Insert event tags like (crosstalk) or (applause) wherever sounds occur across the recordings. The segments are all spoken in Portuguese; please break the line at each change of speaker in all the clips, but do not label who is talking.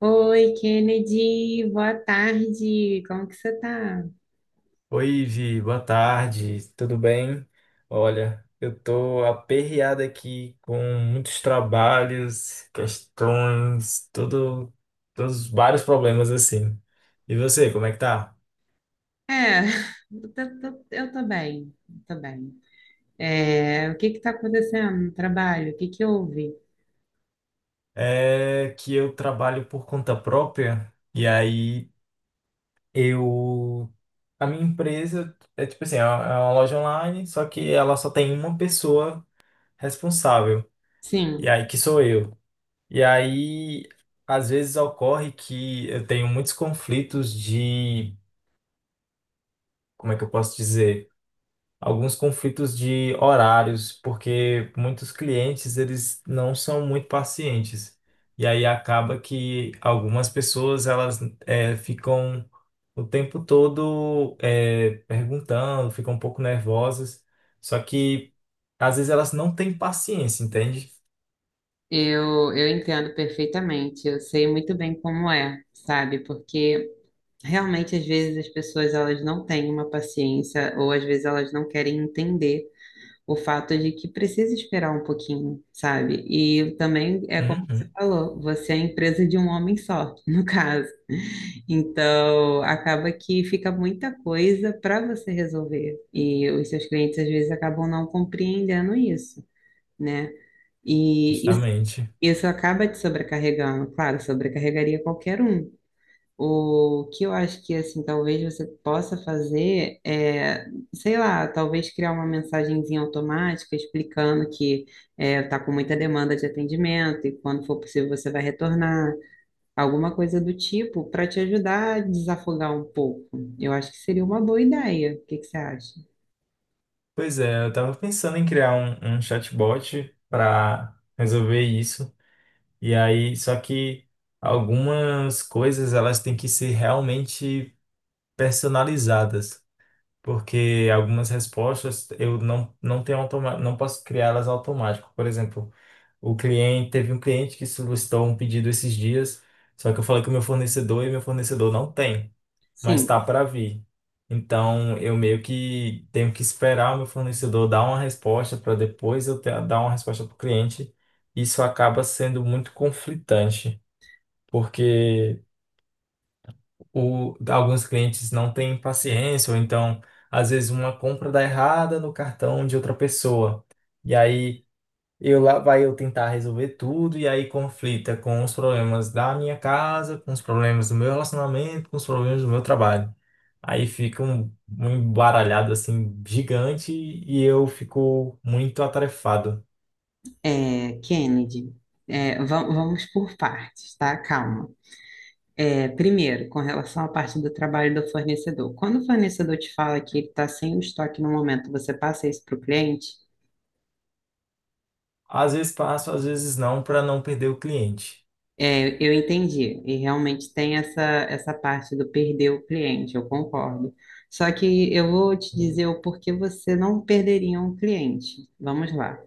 Oi, Kennedy, boa tarde. Como que você tá?
Oi, Vi, boa tarde, tudo bem? Olha, eu tô aperreado aqui com muitos trabalhos, questões, tudo, todos vários problemas assim. E você, como é que tá?
É, (laughs) eu tô bem, eu tô bem. O que que tá acontecendo no trabalho? O que que houve?
É que eu trabalho por conta própria e aí eu a minha empresa é tipo assim, é uma loja online, só que ela só tem uma pessoa responsável. E
Sim,
aí que sou eu. E aí, às vezes ocorre que eu tenho muitos conflitos de, como é que eu posso dizer? Alguns conflitos de horários, porque muitos clientes eles não são muito pacientes. E aí acaba que algumas pessoas elas ficam o tempo todo perguntando, ficam um pouco nervosas. Só que às vezes elas não têm paciência, entende?
eu entendo perfeitamente. Eu sei muito bem como é, sabe? Porque realmente às vezes as pessoas elas não têm uma paciência ou às vezes elas não querem entender o fato de que precisa esperar um pouquinho, sabe? E também é como você
Uhum,
falou, você é a empresa de um homem só, (laughs) no caso. Então, acaba que fica muita coisa para você resolver. E os seus clientes às vezes acabam não compreendendo isso, né? E isso,
justamente.
isso acaba te sobrecarregando, claro, sobrecarregaria qualquer um. O que eu acho que, assim, talvez você possa fazer é, sei lá, talvez criar uma mensagenzinha automática explicando que está com muita demanda de atendimento e quando for possível você vai retornar, alguma coisa do tipo, para te ajudar a desafogar um pouco. Eu acho que seria uma boa ideia. O que que você acha?
Pois é, eu tava pensando em criar um chatbot para resolver isso. E aí, só que algumas coisas elas têm que ser realmente personalizadas, porque algumas respostas eu não tenho automa não posso criá-las automático. Por exemplo, o cliente teve um cliente que solicitou um pedido esses dias, só que eu falei com o meu fornecedor e meu fornecedor não tem mas
Sim,
tá para vir. Então, eu meio que tenho que esperar o meu fornecedor dar uma resposta para depois dar uma resposta para o cliente. Isso acaba sendo muito conflitante, porque alguns clientes não têm paciência, ou então, às vezes, uma compra dá errada no cartão de outra pessoa. E aí, eu lá vai eu tentar resolver tudo, e aí conflita com os problemas da minha casa, com os problemas do meu relacionamento, com os problemas do meu trabalho. Aí fica um embaralhado assim gigante e eu fico muito atarefado.
é, Kennedy, vamos por partes, tá? Calma. É, primeiro, com relação à parte do trabalho do fornecedor. Quando o fornecedor te fala que ele está sem o estoque no momento, você passa isso para o cliente?
Às vezes passo, às vezes não, para não perder o cliente.
É, eu entendi, e realmente tem essa parte do perder o cliente, eu concordo. Só que eu vou te dizer o porquê você não perderia um cliente. Vamos lá.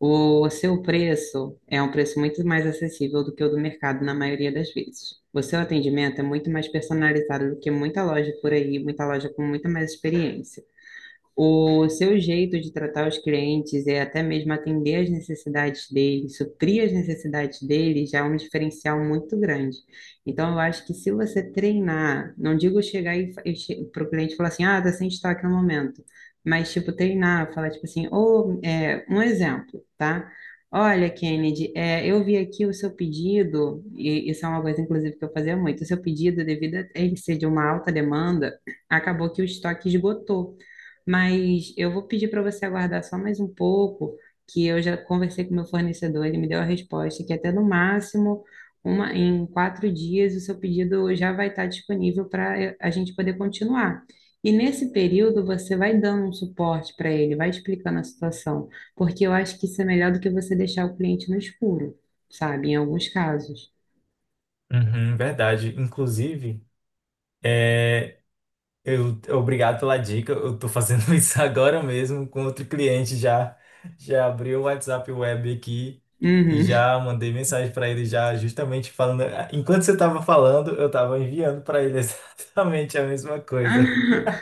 O seu preço é um preço muito mais acessível do que o do mercado na maioria das vezes. O seu atendimento é muito mais personalizado do que muita loja por aí, muita loja com muita mais experiência. O seu jeito de tratar os clientes e até mesmo atender as necessidades deles, suprir as necessidades deles, já é um diferencial muito grande. Então, eu acho que se você treinar, não digo chegar e, para o cliente falar assim, ah, tá sem estoque no momento, mas, tipo, treinar, falar, tipo assim, ou, é, um exemplo, tá? Olha, Kennedy, é, eu vi aqui o seu pedido, e isso é uma coisa, inclusive, que eu fazia muito, o seu pedido, devido a ele ser de uma alta demanda, acabou que o estoque esgotou. Mas eu vou pedir para você aguardar só mais um pouco, que eu já conversei com meu fornecedor, ele me deu a resposta que até no máximo em 4 dias o seu pedido já vai estar disponível para a gente poder continuar. E nesse período você vai dando um suporte para ele, vai explicando a situação, porque eu acho que isso é melhor do que você deixar o cliente no escuro, sabe? Em alguns casos.
Uhum, verdade. Inclusive, é, eu obrigado pela dica. Eu tô fazendo (laughs) isso agora mesmo com outro cliente já. Já abri o WhatsApp Web aqui e
Uhum.
já mandei mensagem para ele já justamente falando. "Ah, enquanto você estava falando, eu estava enviando para ele (laughs) exatamente a mesma coisa.
(laughs)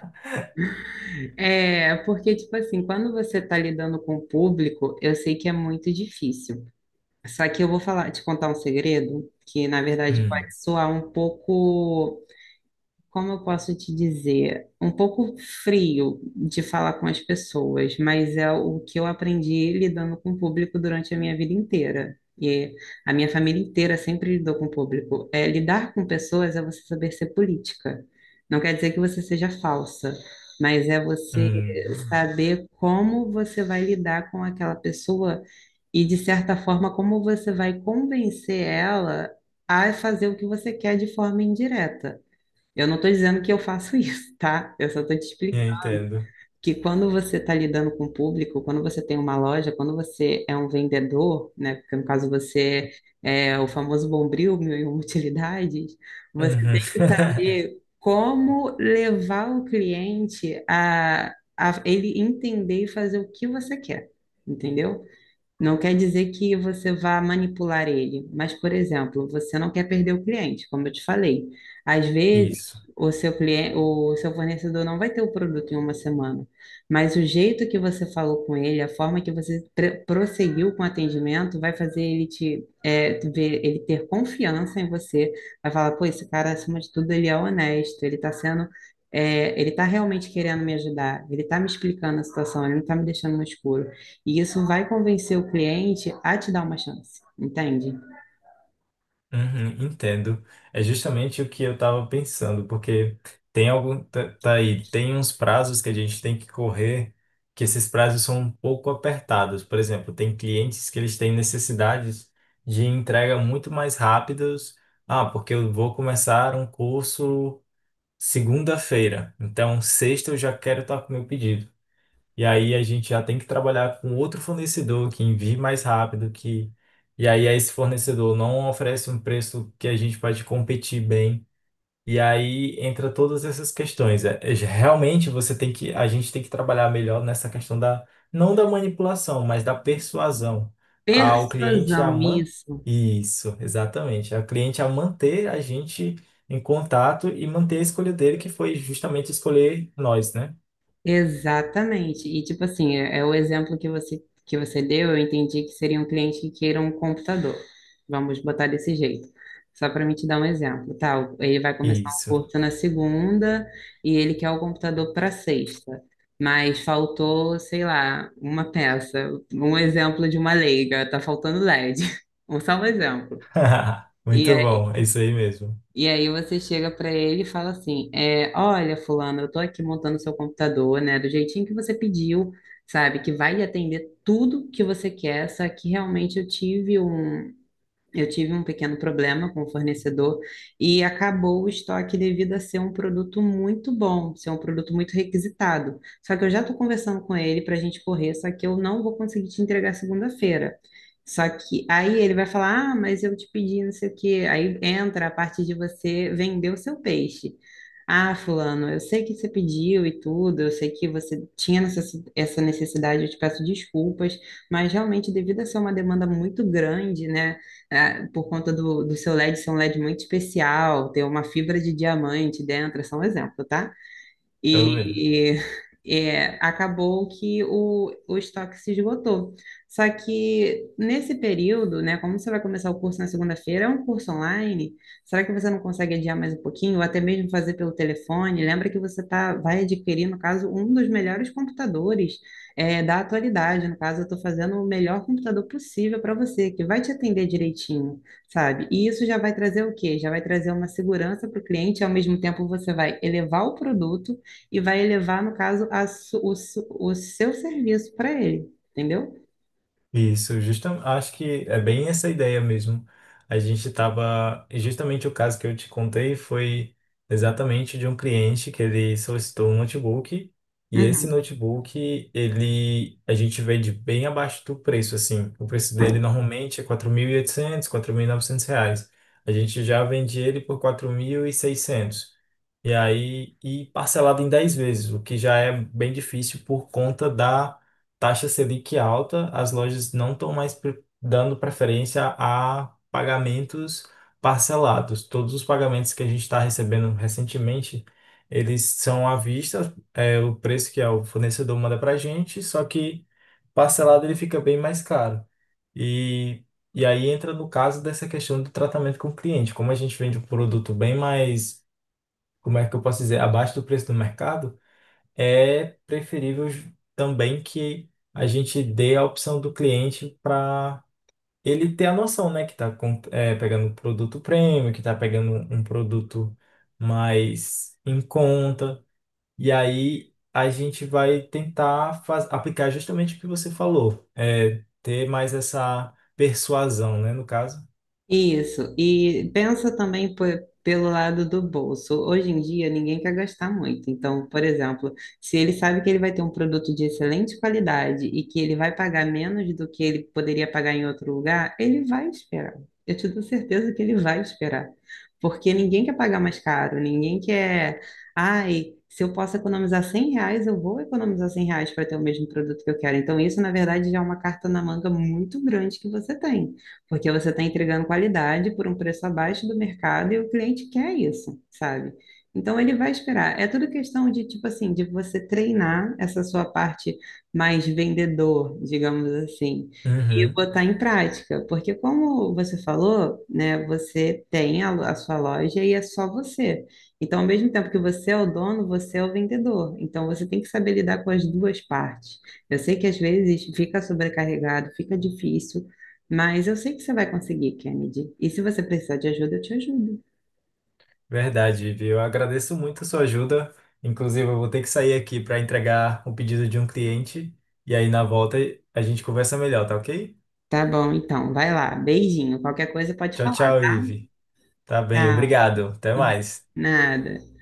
É, porque, tipo assim, quando você está lidando com o público, eu sei que é muito difícil. Só que eu vou falar, te contar um segredo que, na verdade, pode
Hum,
soar um pouco como eu posso te dizer, um pouco frio de falar com as pessoas, mas é o que eu aprendi lidando com o público durante a minha vida inteira. E a minha família inteira sempre lidou com o público. É, lidar com pessoas é você saber ser política. Não quer dizer que você seja falsa, mas é você
hum.
saber como você vai lidar com aquela pessoa e, de certa forma, como você vai convencer ela a fazer o que você quer de forma indireta. Eu não estou dizendo que eu faço (laughs) isso, tá? Eu só estou te
Eu
explicando
entendo.
que quando você está lidando com o público, quando você tem uma loja, quando você é um vendedor, né? Porque no caso você é o famoso bombril, mil e uma utilidades, você
Uhum.
tem que saber como levar o cliente a ele entender e fazer o que você quer, entendeu? Não quer dizer que você vá manipular ele, mas, por exemplo, você não quer perder o cliente, como eu te falei. Às
(laughs)
vezes,
Isso.
o seu cliente, o seu fornecedor não vai ter o produto em uma semana, mas o jeito que você falou com ele, a forma que você prosseguiu com o atendimento, vai fazer ele te, é, ver, ele ter confiança em você, vai falar, pô, esse cara, acima de tudo, ele é honesto, ele está sendo, é, ele está realmente querendo me ajudar, ele está me explicando a situação, ele não está me deixando no escuro. E isso vai convencer o cliente a te dar uma chance, entende?
Uhum, entendo. É justamente o que eu estava pensando, porque tem algum, tá, tá aí, tem uns prazos que a gente tem que correr, que esses prazos são um pouco apertados. Por exemplo, tem clientes que eles têm necessidades de entrega muito mais rápidas. Ah, porque eu vou começar um curso segunda-feira, então sexta eu já quero estar com o meu pedido. E aí a gente já tem que trabalhar com outro fornecedor que envie mais rápido, que e aí esse fornecedor não oferece um preço que a gente pode competir bem. E aí entra todas essas questões. Realmente você tem que, a gente tem que trabalhar melhor nessa questão da, não da manipulação, mas da persuasão ao cliente a
Persuasão,
man...
isso.
Isso, exatamente. Ao cliente a manter a gente em contato e manter a escolha dele, que foi justamente escolher nós, né?
Exatamente. E tipo assim, é, é o exemplo que você deu, eu entendi que seria um cliente que queira um computador. Vamos botar desse jeito. Só para me te dar um exemplo, tá? Ele vai começar um
Isso.
curso na segunda e ele quer o computador para sexta. Mas faltou, sei lá, uma peça, um exemplo de uma leiga, tá faltando LED. (laughs) Só um exemplo.
(laughs)
E
Muito
aí
bom, é isso aí mesmo.
E aí você chega para ele e fala assim, é, olha, fulano, eu tô aqui montando seu computador, né, do jeitinho que você pediu, sabe, que vai atender tudo que você quer, só que realmente eu tive um pequeno problema com o fornecedor e acabou o estoque devido a ser um produto muito bom, ser um produto muito requisitado. Só que eu já estou conversando com ele para a gente correr, só que eu não vou conseguir te entregar segunda-feira. Só que aí ele vai falar: ah, mas eu te pedi não sei o quê. Aí entra a parte de você vender o seu peixe. Ah, fulano, eu sei que você pediu e tudo, eu sei que você tinha essa necessidade, eu te peço desculpas, mas realmente, devido a ser uma demanda muito grande, né? É, por conta do seu LED ser um LED muito especial, ter uma fibra de diamante dentro, é só um exemplo, tá?
Tô vendo.
E é, acabou que o estoque se esgotou. Só que nesse período, né, como você vai começar o curso na segunda-feira, é um curso online, será que você não consegue adiar mais um pouquinho, ou até mesmo fazer pelo telefone? Lembra que você tá, vai adquirir, no caso, um dos melhores computadores é, da atualidade. No caso, eu estou fazendo o melhor computador possível para você, que vai te atender direitinho, sabe? E isso já vai trazer o quê? Já vai trazer uma segurança para o cliente, ao mesmo tempo você vai elevar o produto e vai elevar, no caso, a su- o, su- o seu serviço para ele, entendeu?
Isso, justamente, acho que é bem essa ideia mesmo. A gente tava, e justamente o caso que eu te contei foi exatamente de um cliente que ele solicitou um notebook e esse
Uhum.
notebook, ele a gente vende bem abaixo do preço assim. O preço dele normalmente é 4.800, R$ 900. A gente já vende ele por 4.600. E aí, e parcelado em 10 vezes, o que já é bem difícil por conta da taxa Selic alta. As lojas não estão mais dando preferência a pagamentos parcelados. Todos os pagamentos que a gente está recebendo recentemente, eles são à vista, é o preço que é o fornecedor manda para a gente, só que parcelado ele fica bem mais caro. E, e aí entra no caso dessa questão do tratamento com o cliente. Como a gente vende um produto bem mais como é que eu posso dizer, abaixo do preço do mercado, é preferível também que a gente dê a opção do cliente para ele ter a noção, né, que está pegando um produto premium, que está pegando um produto mais em conta. E aí a gente vai tentar aplicar justamente o que você falou, é, ter mais essa persuasão, né, no caso.
Isso, e pensa também pelo lado do bolso. Hoje em dia, ninguém quer gastar muito. Então, por exemplo, se ele sabe que ele vai ter um produto de excelente qualidade e que ele vai pagar menos do que ele poderia pagar em outro lugar, ele vai esperar. Eu te dou certeza que ele vai esperar. Porque ninguém quer pagar mais caro, ninguém quer. Ai, se eu posso economizar 100 reais, eu vou economizar 100 reais para ter o mesmo produto que eu quero. Então, isso, na verdade, já é uma carta na manga muito grande que você tem porque você está entregando qualidade por um preço abaixo do mercado e o cliente quer isso, sabe? Então ele vai esperar. É tudo questão de tipo assim, de você treinar essa sua parte mais vendedor, digamos assim, e
Uhum.
botar em prática, porque como você falou, né, você tem a sua loja e é só você. Então, ao mesmo tempo que você é o dono, você é o vendedor. Então, você tem que saber lidar com as duas partes. Eu sei que às vezes fica sobrecarregado, fica difícil, mas eu sei que você vai conseguir, Kennedy. E se você precisar de ajuda, eu te ajudo.
Verdade, Ivi. Eu agradeço muito a sua ajuda. Inclusive, eu vou ter que sair aqui para entregar um pedido de um cliente. E aí, na volta, a gente conversa melhor, tá ok?
Tá bom, então. Vai lá. Beijinho. Qualquer coisa pode
Tchau,
falar.
tchau, Ivi. Tá bem,
Tchau.
obrigado. Até
(laughs)
mais.
Nada.